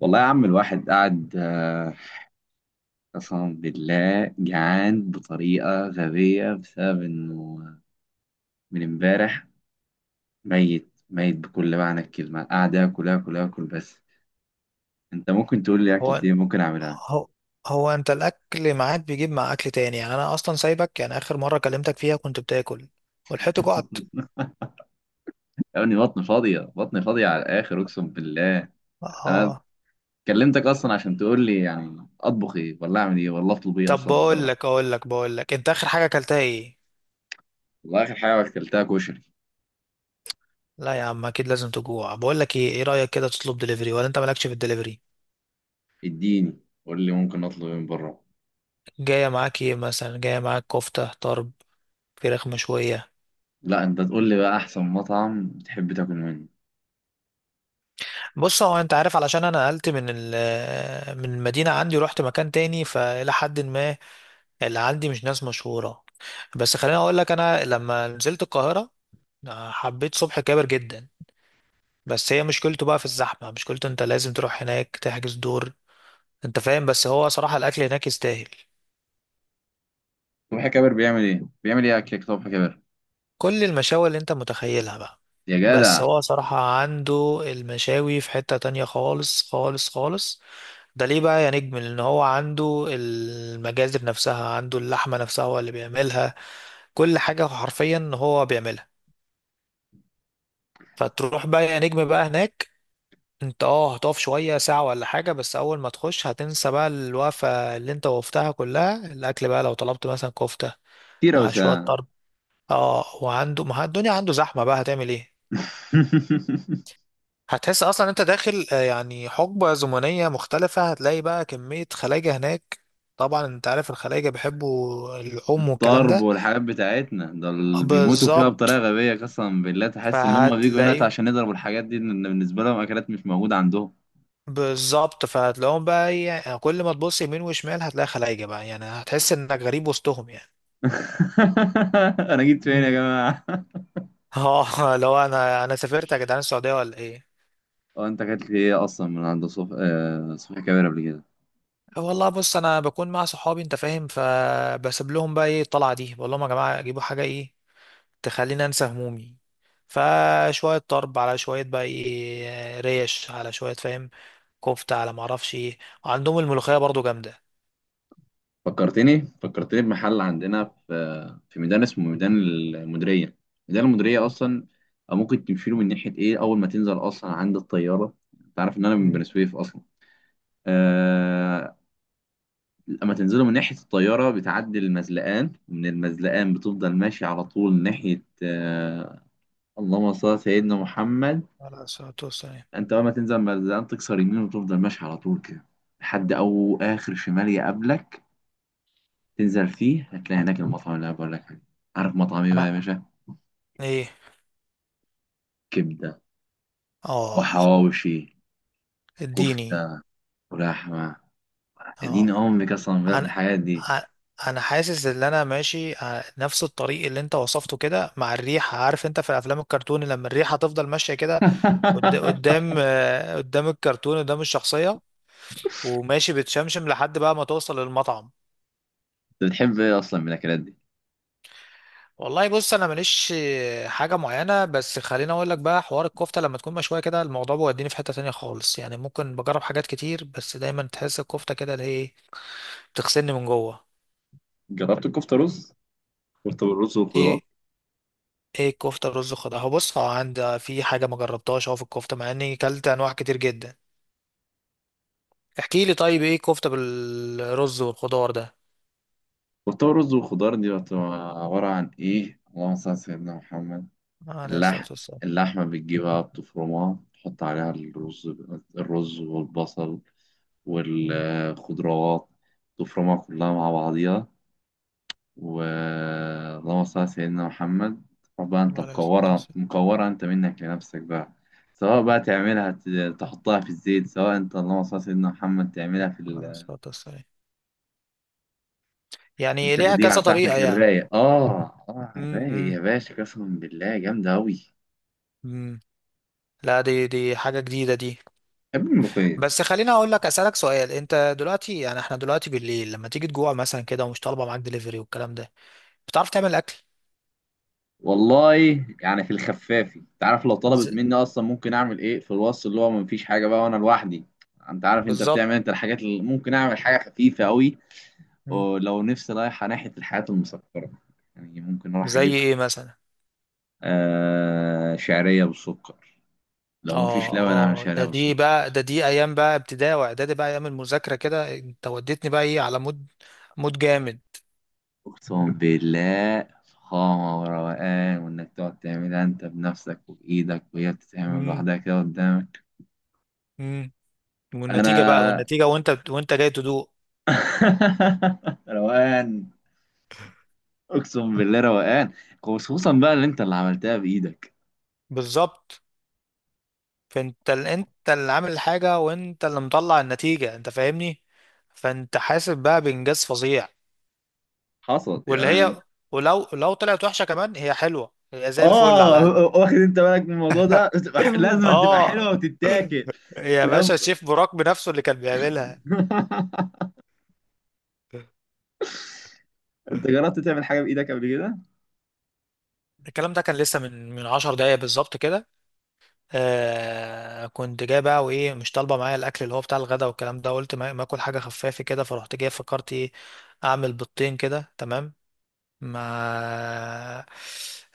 والله يا عم الواحد قاعد قسما بالله جعان بطريقة غبية بسبب إنه من امبارح ميت ميت بكل معنى الكلمة، قاعد آكل آكل آكل. بس أنت ممكن تقول لي أكلة هو إيه ممكن أعملها؟ هو هو انت الاكل معاك بيجيب مع اكل تاني، يعني انا اصلا سايبك. يعني اخر مره كلمتك فيها كنت بتاكل ولحقت جعت. يعني بطني فاضية بطني فاضية على الآخر أقسم بالله. أنا اه، كلمتك أصلا عشان تقول لي يعني أطبخ إيه ولا أعمل إيه ولا أطلب إيه طب أصلا من بقول بره. لك اقول لك بقول لك انت اخر حاجه اكلتها ايه؟ والله آخر حاجة أكلتها كشري. لا يا عم اكيد لازم تجوع. بقول لك ايه، ايه رايك كده تطلب دليفري، ولا انت مالكش في الدليفري؟ إديني، قول لي ممكن أطلب إيه من بره. جايه معاك ايه مثلا؟ جايه معاك كفته طرب، فراخ مشويه. لا، أنت تقول لي بقى أحسن مطعم تحب تاكل منه. بص، هو انت عارف علشان انا نقلت من من المدينه عندي ورحت مكان تاني، فالى حد ما اللي عندي مش ناس مشهورة. بس خليني اقول لك، انا لما نزلت القاهرة حبيت صبح كابر جدا. بس هي مشكلته بقى في الزحمة، مشكلته انت لازم تروح هناك تحجز دور، انت فاهم؟ بس هو صراحة الاكل هناك يستاهل. صبحي كابر بيعمل ايه؟ بيعمل ايه اكلك صبحي كابر؟ كل المشاوي اللي انت متخيلها بقى. يا بس جدع، هو صراحة عنده المشاوي في حتة تانية خالص خالص خالص. ده ليه بقى يا نجم؟ لان هو عنده المجازر نفسها، عنده اللحمة نفسها هو اللي بيعملها، كل حاجة حرفيا هو بيعملها. فتروح بقى يا نجم بقى هناك، انت اه هتقف شوية ساعة ولا حاجة، بس أول ما تخش هتنسى بقى الوقفة اللي انت وقفتها كلها. الأكل بقى لو طلبت مثلا كفتة كتير اوي مع شوية ساعة. طرب، اه، وعنده ما الدنيا عنده زحمة بقى، هتعمل ايه؟ هتحس أصلا انت داخل يعني حقبة زمنية مختلفة. هتلاقي بقى كمية خلايجة هناك، طبعا انت عارف الخلايجة بيحبوا اللحوم والكلام الطرب ده. والحاجات بتاعتنا ده اللي بيموتوا فيها بطريقة بالظبط غبية، قسما بالله تحس ان هم بيجوا هنا فهتلاقيهم. عشان يضربوا الحاجات دي، ان بالنسبة لهم اكلات مش موجودة عندهم. بالظبط فهتلاقيهم بقى ايه، يعني كل ما تبص يمين وشمال هتلاقي خلايجة بقى، يعني هتحس انك غريب وسطهم. انا جيت فين يا يعني جماعة؟ اه لو انا سافرت يا جدعان السعوديه ولا ايه؟ هو انت اكلت ايه اصلا من عند صبحي صبحي كابر قبل كده؟ آه والله بص، انا بكون مع صحابي انت فاهم، فبسيب لهم بقى ايه الطلعه دي، بقول لهم يا جماعه جيبوا حاجه ايه تخليني انسى همومي. فشويه طرب على شويه بقى ايه ريش، على شويه فاهم، كفته، على ما اعرفش ايه. وعندهم الملوخيه برضو جامده. فكرتني بمحل عندنا في ميدان اسمه ميدان المديرية. ميدان المديرية أصلا ممكن تمشيله من ناحية إيه أول ما تنزل أصلا عند الطيارة. أنت عارف إن أنا من امم. بني سويف أصلا. آه... لما تنزله من ناحية الطيارة بتعدي المزلقان، ومن المزلقان بتفضل ماشي على طول ناحية اللهم صل على سيدنا محمد. على الصلاه والسلام. أنت أول ما تنزل المزلقان تكسر يمين وتفضل ماشي على طول كده لحد أو آخر شمال يقابلك، تنزل فيه هتلاقي هناك المطعم اللي انا بقول لك عليه. عارف مطعم ايه بقى يا انا. باشا؟ ايه. كبده، اه. وحواوشي، اديني. كفته، ولحمه. اديني اه. امك اصلا بقى في انا الحاجات دي. ع- انا حاسس ان انا ماشي نفس الطريق اللي انت وصفته كده مع الريحه. عارف انت في افلام الكرتون لما الريحه تفضل ماشيه كده انت قدام قدام الكرتون، قدام الشخصيه، وماشي بتشمشم لحد بقى ما توصل للمطعم. بتحب ايه اصلا من الاكلات دي؟ والله بص، انا ماليش حاجه معينه، بس خليني اقول لك بقى حوار الكفته لما تكون مشويه كده الموضوع بيوديني في حته تانية خالص. يعني ممكن بجرب حاجات كتير، بس دايما تحس الكفته كده اللي هي إيه، بتغسلني من جوه. جربت الكفته رز؟ كفته بالرز والخضروات؟ ايه؟ ايه الكفته الرز خضار؟ هو بص هو عندي في حاجه ما جربتهاش اهو في الكفته، مع اني كلت انواع كتير جدا. احكي لي طيب ايه الكفته بالرز والخضار ده؟ كفته بالرز والخضار دي بتبقى عباره عن ايه؟ اللهم صل على سيدنا محمد. عليه الصلاه اللحم، والسلام. اللحمه بتجيبها بتفرمها تحط عليها الرز الرز والبصل امم. والخضروات، تفرمها كلها مع بعضيها، واللهم صل على سيدنا محمد. روح بقى انت عليه الصلاه مكورة والسلام. مكورة انت منك لنفسك بقى. سواء بقى تعملها تحطها في الزيت، سواء انت اللهم صل على سيدنا محمد تعملها في عليه الصلاه والسلام. في يعني ليها التخديعة كذا طريقه بتاعتك يعني. الرايق اه. اه الرايق امم. يا باشا، قسما بالله جامدة أوي. امم. لا، دي حاجه جديده دي. بحب الملوخية. بس خليني اقول لك، اسالك سؤال، انت دلوقتي يعني احنا دلوقتي بالليل لما تيجي تجوع مثلا كده، ومش طالبه معاك دليفري والكلام ده، بتعرف تعمل اكل؟ والله يعني في الخفافي، انت عارف لو طلبت ز- مني اصلا ممكن اعمل ايه في الوصف اللي هو مفيش حاجة بقى وانا لوحدي. انت عارف انت بالظبط. بتعمل انت الحاجات اللي ممكن اعمل حاجة خفيفة أوي. مم. ولو نفسي رايحة ناحية الحياة المسكرة، يعني ممكن أروح زي أجيب ايه مثلا؟ آه شعرية بالسكر. لو مفيش اه لبن أعمل اه، شعرية ده دي بالسكر. بقى ده دي ايام بقى ابتدائي واعدادي بقى، ايام المذاكره كده. انت وديتني بقى ايه على مود، مود جامد. أقسم بالله فخامة وروقان، وإنك تقعد تعملها أنت بنفسك وبإيدك وهي بتتعمل امم. لوحدها كده قدامك. امم. والنتيجه بقى، أنا والنتيجه وانت جاي تدوق. روقان. أقسم بالله روقان، خصوصا بقى اللي أنت اللي عملتها بإيدك. بالظبط، انت اللي عامل الحاجه وانت اللي مطلع النتيجه، انت فاهمني؟ فانت حاسب بقى بانجاز فظيع. حصل واللي يعني. هي، ولو طلعت وحشه كمان هي حلوه، هي زي الفل على اه، الاقل. واخد انت بالك من الموضوع ده؟ بتبقى لازم تبقى اه. حلوه وتتاكل. يا باشا لو الشيف براك بنفسه اللي كان بيعملها. انت جربت تعمل حاجه بايدك قبل كده؟ الكلام ده كان لسه من 10 دقايق بالظبط كده. آه كنت جاي بقى، وايه مش طالبه معايا الاكل اللي هو بتاع الغدا والكلام ده. قلت ما اكل حاجه خفافه كده، فرحت جاي فكرت ايه؟ اعمل بيضتين كده تمام، مع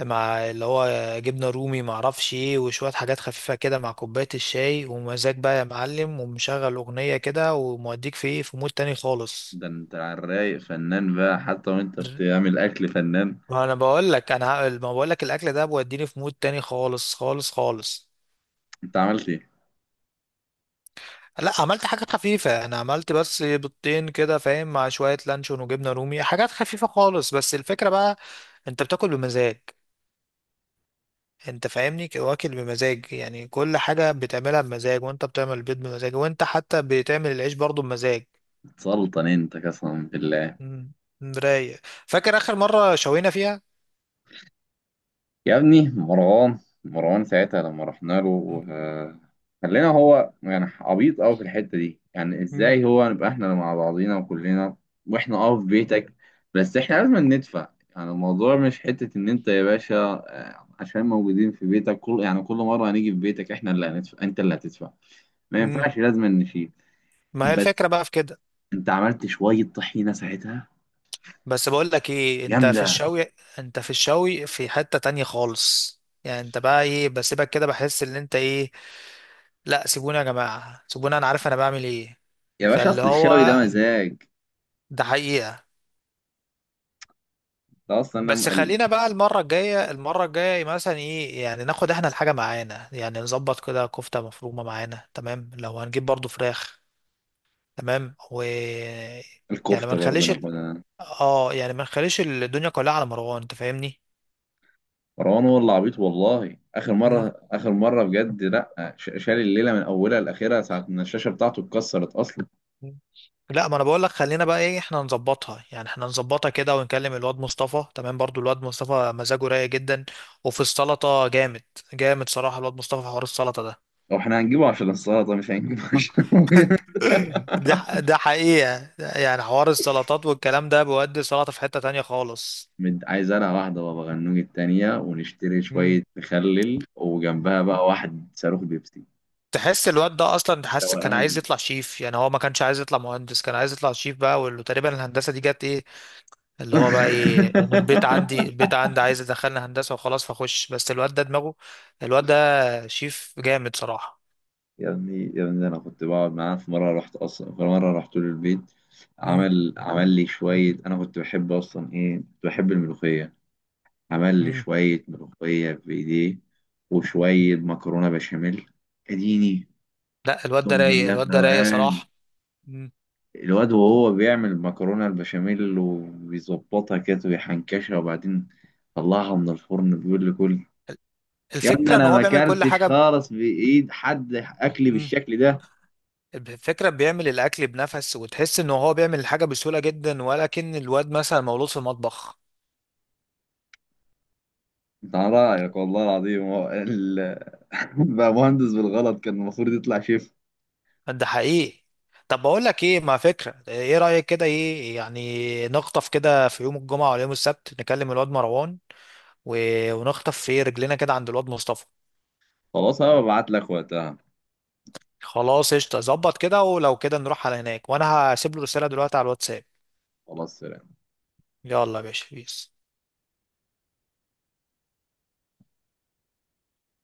مع اللي هو جبنه رومي ما اعرفش ايه، وشويه حاجات خفيفه كده، مع كوبايه الشاي، ومزاج بقى يا معلم، ومشغل اغنيه كده، وموديك في ايه في مود تاني خالص. ده انت على الرايق فنان بقى، حتى وانت بتعمل اكل فنان. ما انا بقول لك، انا ما بقول لك الاكل ده بيوديني في مود تاني خالص خالص خالص. انت عملت ايه؟ لا عملت حاجات خفيفة، أنا عملت بس بيضتين كده فاهم، مع شوية لانشون وجبنة رومي، حاجات خفيفة خالص، بس الفكرة بقى أنت بتاكل بمزاج. أنت فاهمني؟ واكل بمزاج، يعني كل حاجة بتعملها بمزاج، وأنت بتعمل البيض بمزاج، وأنت حتى بتعمل العيش برضو بمزاج. سلطن انت قسما بالله. مم، رايق. فاكر آخر مرة شوينا فيها؟ يا ابني مروان، مروان ساعتها لما رحنا مم، له خلينا هو يعني عبيط قوي في الحتة دي، يعني مم، ازاي هو نبقى احنا مع بعضينا وكلنا واحنا اه في بيتك. بس احنا لازم ندفع. يعني الموضوع مش حتة ان انت يا باشا عشان موجودين في بيتك، كل مرة هنيجي في بيتك احنا اللي هندفع انت اللي هتدفع، ما مم. ينفعش، لازم نشيل. ما هي بس الفكرة بقى في كده. انت عملت شوية طحينة ساعتها بس بقول لك إيه، أنت في جامدة. الشوي، أنت في الشوي في حتة تانية خالص. يعني انت بقى ايه بسيبك كده، بحس ان انت ايه، لا سيبوني يا جماعة، سيبوني انا عارف انا بعمل ايه. يا باشا فاللي اصل الشوي ده هو، مزاج. ده حقيقة. ده اصلا بس خلينا بقى المرة الجاية، المرة الجاية مثلا ايه، يعني ناخد احنا الحاجة معانا، يعني نظبط كده كفتة مفرومة معانا تمام، لو هنجيب برضو فراخ تمام. و، يعني ما الكفتة برضه نخليش ال... ناخدها. اه يعني ما نخليش الدنيا كلها على مروان انت فاهمني؟ مروان هو اللي عبيط، والله اخر مره اخر مره بجد لا شال الليله من اولها لاخرها ساعه ما الشاشه بتاعته اتكسرت اصلا. مم. لا ما انا بقول لك، خلينا بقى ايه احنا نظبطها، يعني احنا نظبطها كده، ونكلم الواد مصطفى تمام. برضو الواد مصطفى مزاجه رايق جدا، وفي السلطة جامد، جامد صراحة الواد مصطفى في حوار السلطة ده. هو احنا هنجيبه عشان السلطه، مش هنجيبه عشان هو جامد. ده حقيقة، يعني حوار السلطات والكلام ده بيودي السلطة في حتة تانية خالص. عايز انا واحده بابا غنوج التانيه، ونشتري شويه مم. مخلل، وجنبها بقى واحد صاروخ بيبسي. تحس الواد ده اصلا، تحس كان عايز روقان. يطلع شيف، يعني هو ما كانش عايز يطلع مهندس، كان عايز يطلع شيف بقى، وتقريبا الهندسة دي جت ايه اللي هو بقى ايه، انا البيت عندي، البيت عندي عايز يدخلنا هندسه وخلاص فاخش، بس الواد ده دماغه، الواد ده شيف جامد صراحه. يا ابني يا ابني انا كنت بقعد معاه في مره، رحت اصلا في مره رحت له البيت. مم. عمل لي شويه، انا كنت بحب اصلا ايه كنت بحب الملوخيه. عمل لي مم. شوية ملوخية بإيديه وشوية مكرونة بشاميل. أديني. لا الواد أقسم ده رايق، بالله في الواد ده رايق روقان. صراحه. مم. الواد وهو بيعمل المكرونة البشاميل وبيظبطها كده ويحنكشها وبعدين طلعها من الفرن بيقول لي كل. يا ابني الفكره ان أنا هو ما بيعمل كل أكلتش حاجه خالص بإيد حد أكلي مم. بالشكل ده. الفكره بيعمل الاكل بنفس، وتحس ان هو بيعمل الحاجه بسهوله جدا، ولكن الواد مثلا مولود في المطبخ. أنت على رأيك والله العظيم هو بقى مهندس بالغلط كان المفروض يطلع شيف. ده حقيقي. طب بقول لك ايه، ما فكره ايه رايك كده ايه، يعني نخطف كده في يوم الجمعه ولا يوم السبت، نكلم الواد مروان، ونخطف في رجلنا كده عند الواد مصطفى. خلاص أنا ببعت لك وقتها. خلاص قشطة، ظبط كده، ولو كده نروح على هناك، وانا هسيب له رسالة دلوقتي على الواتساب. خلاص سلام. يلا يا باشا، بيس.